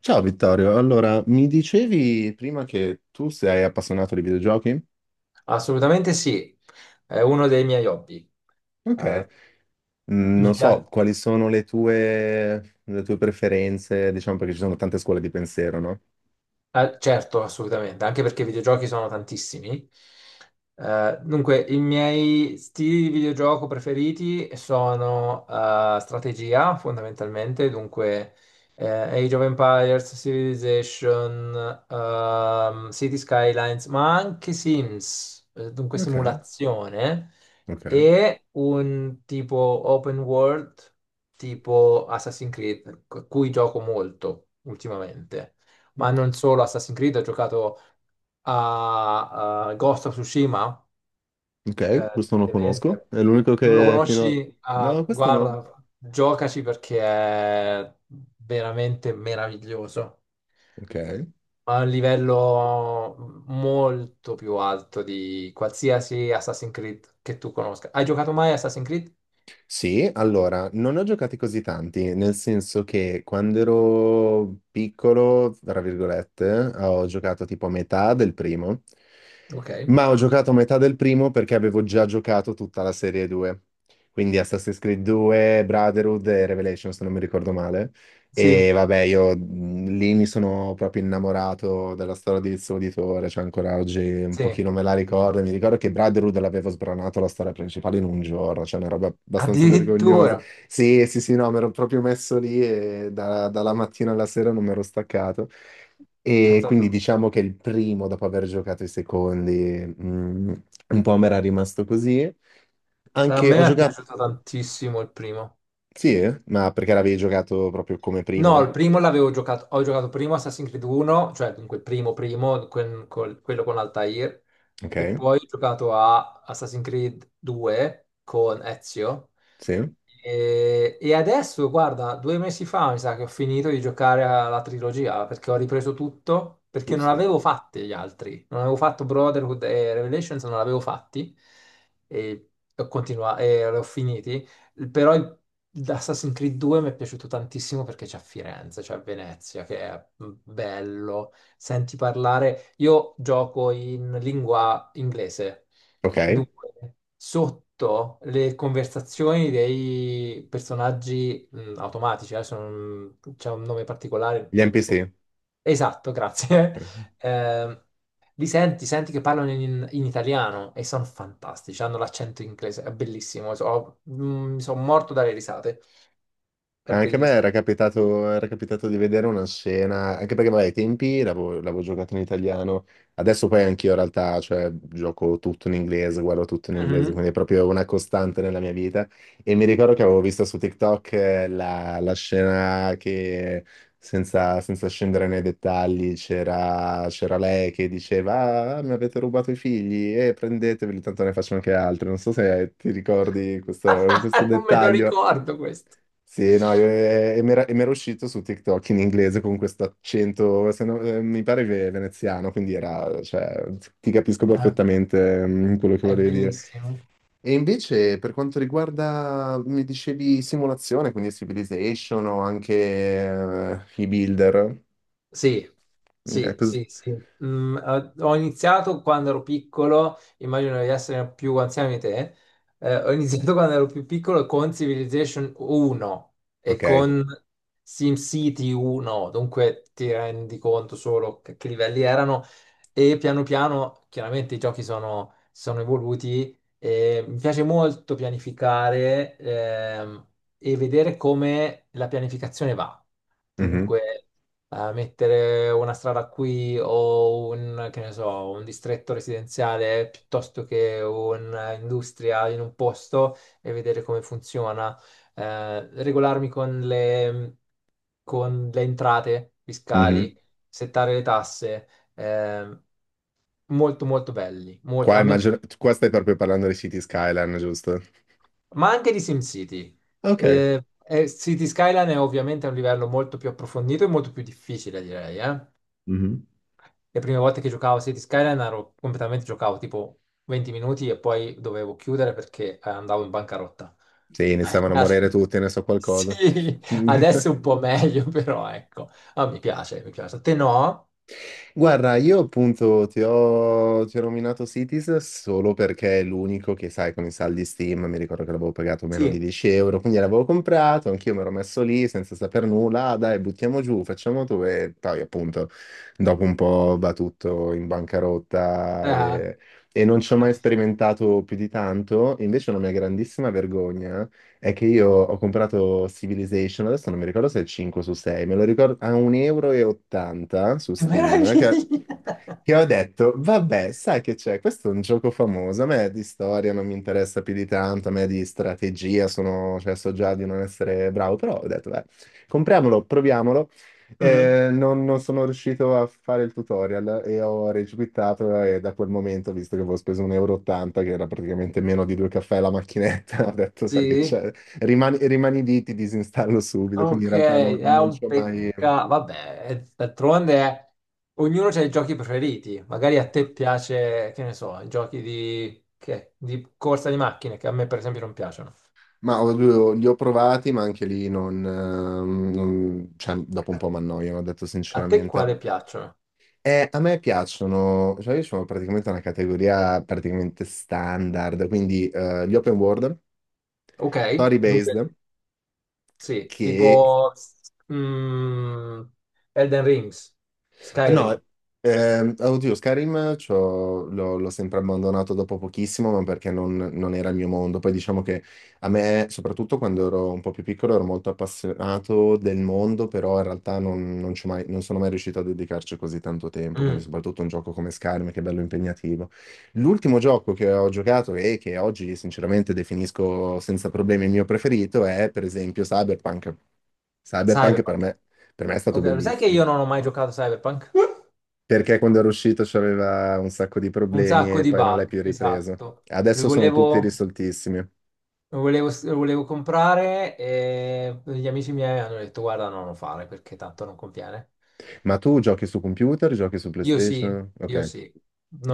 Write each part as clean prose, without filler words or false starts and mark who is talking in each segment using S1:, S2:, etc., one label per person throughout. S1: Ciao Vittorio, allora mi dicevi prima che tu sei appassionato di videogiochi?
S2: Assolutamente sì, è uno dei miei hobby.
S1: Ok.
S2: Eh, Mi
S1: Non so
S2: piace.
S1: quali sono le tue preferenze, diciamo, perché ci sono tante scuole di pensiero, no?
S2: Certo, assolutamente, anche perché i videogiochi sono tantissimi. Dunque, i miei stili di videogioco preferiti sono strategia, fondamentalmente. Dunque Age of Empires, Civilization, City Skylines, ma anche Sims, dunque
S1: Ok,
S2: simulazione,
S1: ok.
S2: e un tipo open world, tipo Assassin's Creed, cui gioco molto ultimamente, ma non solo Assassin's Creed. Ho giocato a Ghost of Tsushima,
S1: Ok, questo non lo conosco,
S2: ovviamente.
S1: è l'unico
S2: Non lo
S1: che fino a.
S2: conosci? Ah,
S1: No, questo no.
S2: guarda, giocaci perché è veramente meraviglioso.
S1: Ok.
S2: Ha un livello molto più alto di qualsiasi Assassin's Creed che tu conosca. Hai giocato mai a Assassin's Creed?
S1: Sì, allora, non ne ho giocati così tanti, nel senso che quando ero piccolo, tra virgolette, ho giocato tipo a metà del primo,
S2: Ok.
S1: ma ho giocato a metà del primo perché avevo già giocato tutta la serie 2, quindi Assassin's Creed 2, Brotherhood e Revelations, se non mi ricordo male.
S2: Sì,
S1: E vabbè, io lì mi sono proprio innamorato della storia di Lizzo Uditore, cioè ancora oggi un
S2: sì.
S1: pochino me la ricordo. Mi ricordo che Brotherhood l'avevo sbranato la storia principale in un giorno, cioè una roba abbastanza vergognosa.
S2: Addirittura.
S1: Sì, sì, sì, no, mi ero proprio messo lì e dalla mattina alla sera non mi ero staccato. E
S2: Pensa tu.
S1: quindi diciamo che il primo, dopo aver giocato i secondi, mh, un po' mi era rimasto così.
S2: A
S1: Anche ho
S2: me è
S1: giocato.
S2: piaciuto tantissimo il primo.
S1: Sì, eh? Ma perché l'avevi giocato proprio come
S2: No,
S1: primo?
S2: il primo l'avevo giocato, ho giocato primo Assassin's Creed 1, cioè dunque il primo primo, quello con Altair. E
S1: Ok.
S2: poi ho giocato a Assassin's Creed 2 con Ezio,
S1: Sì,
S2: e adesso, guarda, 2 mesi fa mi sa che ho finito di giocare alla trilogia, perché ho ripreso tutto, perché non
S1: Buste.
S2: avevo fatti gli altri, non avevo fatto Brotherhood e Revelations, non l'avevo fatti, e ho continuato, e li ho finiti. però il- Assassin's Creed 2 mi è piaciuto tantissimo perché c'è a Firenze, c'è a Venezia, che è bello. Senti parlare, io gioco in lingua inglese,
S1: Ok,
S2: dunque sotto le conversazioni dei personaggi automatici, adesso non- c'è un nome particolare,
S1: gli
S2: non mi ricordo.
S1: NPC.
S2: Esatto, grazie. Eh, Li senti, senti che parlano in italiano e sono fantastici, hanno l'accento inglese, è bellissimo. Mi sono morto dalle risate, è
S1: Anche a me
S2: bellissimo.
S1: era capitato di vedere una scena, anche perché vabbè, ai tempi l'avevo giocato in italiano, adesso poi anch'io in realtà, cioè, gioco tutto in inglese, guardo tutto in inglese, quindi
S2: Mhm.
S1: è proprio una costante nella mia vita. E mi ricordo che avevo visto su TikTok la scena che, senza scendere nei dettagli, c'era lei che diceva, ah, mi avete rubato i figli, e prendeteveli, tanto ne faccio anche altri. Non so se ti ricordi questo
S2: Non me lo
S1: dettaglio.
S2: ricordo questo,
S1: Sì, no, io, e mi era uscito su TikTok in inglese con questo accento, se no- mi pare veneziano, quindi era, cioè, ti capisco
S2: è,
S1: perfettamente quello che
S2: è
S1: volevi dire.
S2: bellissimo.
S1: E invece per quanto riguarda, mi dicevi simulazione, quindi Civilization o anche i Builder,
S2: Sì,
S1: ok,
S2: sì, sì, sì. Ho iniziato quando ero piccolo, immagino di essere più anziano di te. Ho iniziato quando ero più piccolo con Civilization 1 e
S1: ok,
S2: con SimCity 1. Dunque ti rendi conto solo che livelli erano, e piano piano chiaramente i giochi sono evoluti, e mi piace molto pianificare e vedere come la pianificazione va.
S1: mhm,
S2: Dunque mettere una strada qui o un, che ne so, un distretto residenziale piuttosto che un'industria in un posto e vedere come funziona, regolarmi con con le entrate fiscali,
S1: mhm.
S2: settare le tasse, eh, molto molto belli,
S1: Qua, qua stai proprio parlando di City Skyline, giusto?
S2: ma anche di SimCity.
S1: Ok.
S2: City Skyline è ovviamente a un livello molto più approfondito e molto più difficile, direi, eh. Le prime volte che giocavo a City Skyline ero completamente giocavo tipo 20 minuti e poi dovevo chiudere perché andavo in bancarotta.
S1: Sì, iniziavano a morire
S2: Ad-
S1: tutti, ne so qualcosa.
S2: Sì, adesso è un po' meglio, però ecco. Ah, mi piace, mi piace. A te no?
S1: Guarda, io appunto ti ho nominato Cities solo perché è l'unico che, sai, con i saldi Steam, mi ricordo che l'avevo pagato meno di
S2: Sì.
S1: 10 euro, quindi l'avevo comprato, anch'io mi ero messo lì senza saper nulla, ah, dai, buttiamo giù, facciamo tu e poi appunto dopo un po' va tutto in bancarotta
S2: Ah,
S1: e non ci ho mai
S2: capisco.
S1: sperimentato più di tanto. Invece è una mia grandissima vergogna: è che io ho comprato Civilization, adesso non mi ricordo se è 5 su 6, me lo ricordo a 1,80 € e ottanta su
S2: Che
S1: Steam, che,
S2: meraviglia!
S1: che ho detto, vabbè, sai che c'è, questo è un gioco famoso, a me di storia non mi interessa più di tanto, a me di strategia sono, cioè, so già di non essere bravo, però ho detto, beh, compriamolo, proviamolo.
S2: Mhm.
S1: Non sono riuscito a fare il tutorial e ho regiquittato e da quel momento, visto che avevo speso 1,80 euro, e ottanta, che era praticamente meno di due caffè la macchinetta, ho detto, sai che
S2: Sì.
S1: c'è, rimani, rimani lì, ti disinstallo subito, quindi in
S2: Ok,
S1: realtà
S2: è
S1: non ci
S2: un
S1: ho mai.
S2: peccato. Vabbè, d'altronde ognuno ha i giochi preferiti. Magari a te piace, che ne so, i giochi di corsa di macchine, che a me per esempio non piacciono.
S1: Li ho provati, ma anche lì cioè, dopo un po' mi annoiano, ho detto
S2: A te
S1: sinceramente.
S2: quale piacciono?
S1: A me piacciono, cioè io sono praticamente una categoria praticamente standard, quindi gli open world,
S2: Ok,
S1: story
S2: dunque,
S1: based,
S2: sì,
S1: che,
S2: tipo mm, Elden Rings,
S1: eh no,
S2: Skyrim,
S1: oddio, l'ho sempre abbandonato dopo pochissimo, ma perché non era il mio mondo. Poi diciamo che a me, soprattutto quando ero un po' più piccolo, ero molto appassionato del mondo, però in realtà non sono mai riuscito a dedicarci così tanto tempo, quindi
S2: mm,
S1: soprattutto un gioco come Skyrim, che è bello impegnativo. L'ultimo gioco che ho giocato e che oggi sinceramente definisco senza problemi il mio preferito è per esempio Cyberpunk. Cyberpunk per
S2: Cyberpunk.
S1: me, per me è stato
S2: Ok, lo sai che
S1: bellissimo.
S2: io non ho mai giocato a Cyberpunk?
S1: Perché quando ero uscito c'aveva un sacco di
S2: Un
S1: problemi
S2: sacco
S1: e
S2: di
S1: poi non l'hai
S2: bug,
S1: più ripreso.
S2: esatto. Lo
S1: Adesso sono tutti
S2: volevo...
S1: risoltissimi.
S2: Lo volevo comprare, e gli amici miei hanno detto guarda no, non lo fare perché tanto non conviene.
S1: Ma tu giochi su computer, giochi su PlayStation?
S2: Io
S1: Ok,
S2: sì,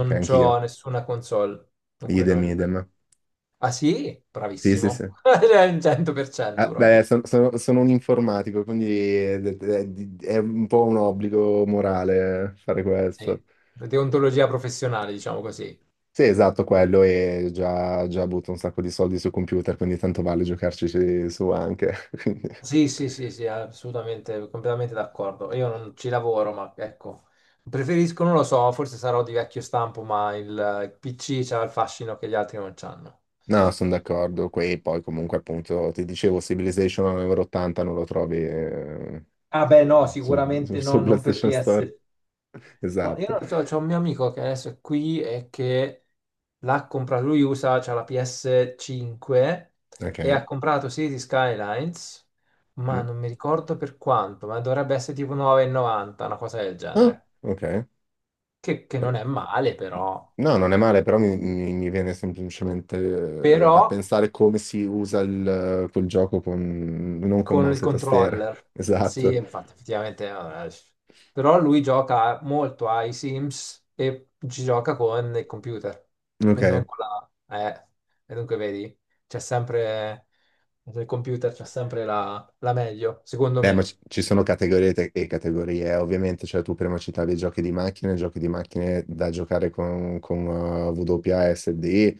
S1: ok,
S2: c'ho
S1: anch'io.
S2: nessuna console, dunque
S1: Idem,
S2: non...
S1: idem.
S2: Ah sì?
S1: Sì, sì,
S2: Bravissimo.
S1: sì.
S2: Cioè, il 100%
S1: Ah,
S2: proprio.
S1: beh, sono un informatico, quindi è un po' un obbligo morale, fare questo.
S2: Sì, deontologia professionale, diciamo così.
S1: Sì, esatto, quello. E già butto un sacco di soldi su computer, quindi tanto vale giocarci su anche. Quindi...
S2: Sì, sì, sì, sì, assolutamente, completamente d'accordo. Io non ci lavoro, ma ecco, preferisco, non lo so, forse sarò di vecchio stampo, ma il PC c'ha il fascino che gli altri non c'hanno.
S1: No, sono d'accordo. Qui poi comunque appunto ti dicevo Civilization a 1,80 non lo trovi,
S2: Ah beh, no,
S1: su, su- su-
S2: sicuramente no,
S1: su
S2: non per
S1: PlayStation Store.
S2: PS. No, io
S1: Esatto.
S2: non lo so, c'è un mio amico che adesso è qui e che l'ha comprato, lui usa, c'ha la PS5 e
S1: Ok.
S2: ha comprato City Skylines, ma
S1: Mm.
S2: non mi ricordo per quanto, ma dovrebbe essere tipo 9,90, una cosa del
S1: Ah,
S2: genere,
S1: ok.
S2: che
S1: Però...
S2: non è male però. Mm.
S1: No, non è male, però mi viene semplicemente,
S2: Però
S1: da pensare come si usa quel gioco con, non con
S2: con il
S1: mouse e tastiera.
S2: controller. Sì,
S1: Esatto.
S2: infatti, effettivamente. Però lui gioca molto ai Sims e ci gioca con il computer, e non
S1: Ok.
S2: con la... eh, e dunque vedi, c'è sempre... Nel computer c'è sempre la meglio, secondo
S1: Beh, ma
S2: me.
S1: ci sono categorie e categorie, ovviamente, cioè tu prima citavi giochi di macchine da giocare con, con WASD,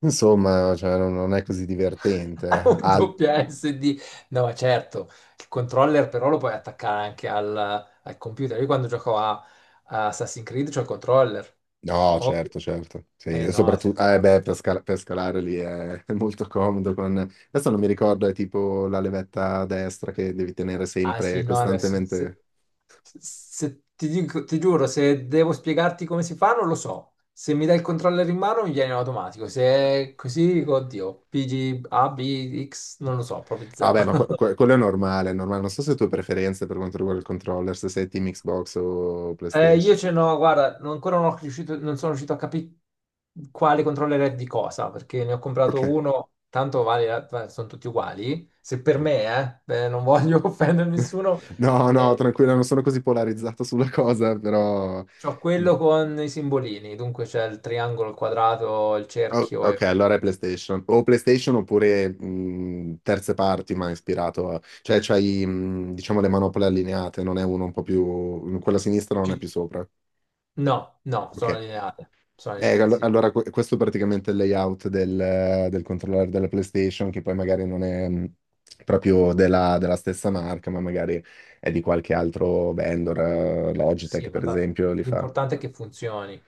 S1: insomma, cioè, non è così divertente.
S2: Un doppia SD. No, certo, il controller però lo puoi attaccare anche al computer. Io quando gioco a Assassin's Creed c'ho il controller,
S1: No,
S2: ovvio.
S1: certo, certo, sì,
S2: Eh
S1: e
S2: no, se
S1: soprattutto,
S2: no.
S1: beh, per scalare lì è, è molto comodo con. Adesso non mi ricordo, è tipo la levetta a destra che devi tenere
S2: Ah sì,
S1: sempre,
S2: no, adesso
S1: costantemente.
S2: ti giuro, se devo spiegarti come si fa, non lo so. Se mi dai il controller in mano mi viene in automatico. Se è così, dico, oddio, PG, A, B, X, non lo so, proprio zero.
S1: Vabbè, ma quello è normale, è normale. Non so se tu hai preferenze per quanto riguarda il controller, se sei team Xbox o
S2: Io
S1: PlayStation.
S2: ce n'ho, guarda, non- ancora non, ho riuscito- non sono riuscito a capire quale controller è di cosa, perché ne ho comprato
S1: Ok.
S2: uno, tanto vale, sono tutti uguali. Se per me, non voglio offendere nessuno.
S1: No, no,
S2: eh,
S1: tranquilla, non sono così polarizzato sulla cosa, però.
S2: C'ho
S1: Mm.
S2: quello con i simbolini, dunque c'è il triangolo, il quadrato, il
S1: Oh,
S2: cerchio e...
S1: ok, allora è PlayStation. O PlayStation oppure terze parti, ma ispirato a. Cioè, c'hai, diciamo, le manopole allineate, non è uno un po' più... quella sinistra non è
S2: Ci-
S1: più sopra.
S2: No, no, sono
S1: Ok.
S2: allineate. Sono allineate, sì.
S1: Allora, questo è praticamente il layout del controller della PlayStation, che poi magari non è... proprio della stessa marca, ma magari è di qualche altro vendor,
S2: Sì,
S1: Logitech
S2: ma
S1: per esempio, li fa.
S2: l'importante è che funzioni.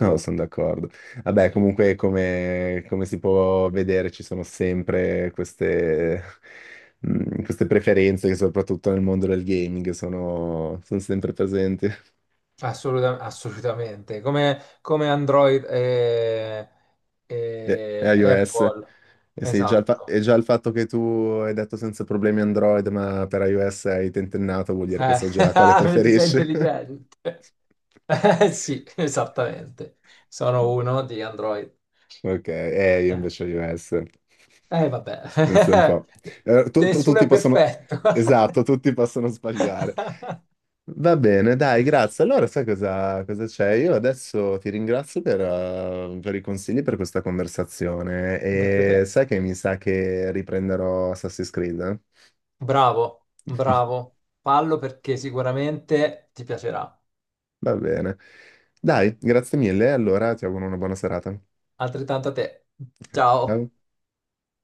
S1: No, sono d'accordo. Vabbè,
S2: Sì.
S1: comunque, come si può vedere, ci sono sempre queste preferenze che soprattutto nel mondo del gaming sono sempre presenti.
S2: Assolutamente. Come Android e,
S1: E,
S2: e
S1: e iOS.
S2: Apple.
S1: E sì, già e
S2: Esatto.
S1: già il fatto che tu hai detto senza problemi Android, ma per iOS hai tentennato, vuol dire che
S2: Eh,
S1: so già quale
S2: vedi, sei
S1: preferisci.
S2: intelligente. Sì, esattamente. Sono uno di Android.
S1: Ok, io invece iOS. Pensa un
S2: Vabbè,
S1: po'.
S2: nessuno
S1: Tutti
S2: è
S1: possono...
S2: perfetto.
S1: Esatto, tutti possono sbagliare. Va bene, dai, grazie. Allora, sai cosa c'è? Io adesso ti ringrazio, per i consigli, per questa conversazione,
S2: Grazie a
S1: e
S2: te.
S1: sai che mi sa che riprenderò Assassin's Creed? Eh?
S2: Bravo, bravo. Fallo perché sicuramente ti piacerà.
S1: Va bene. Dai, grazie mille. Allora, ti auguro una buona serata. Ok,
S2: Altrettanto a te.
S1: ciao.
S2: Ciao.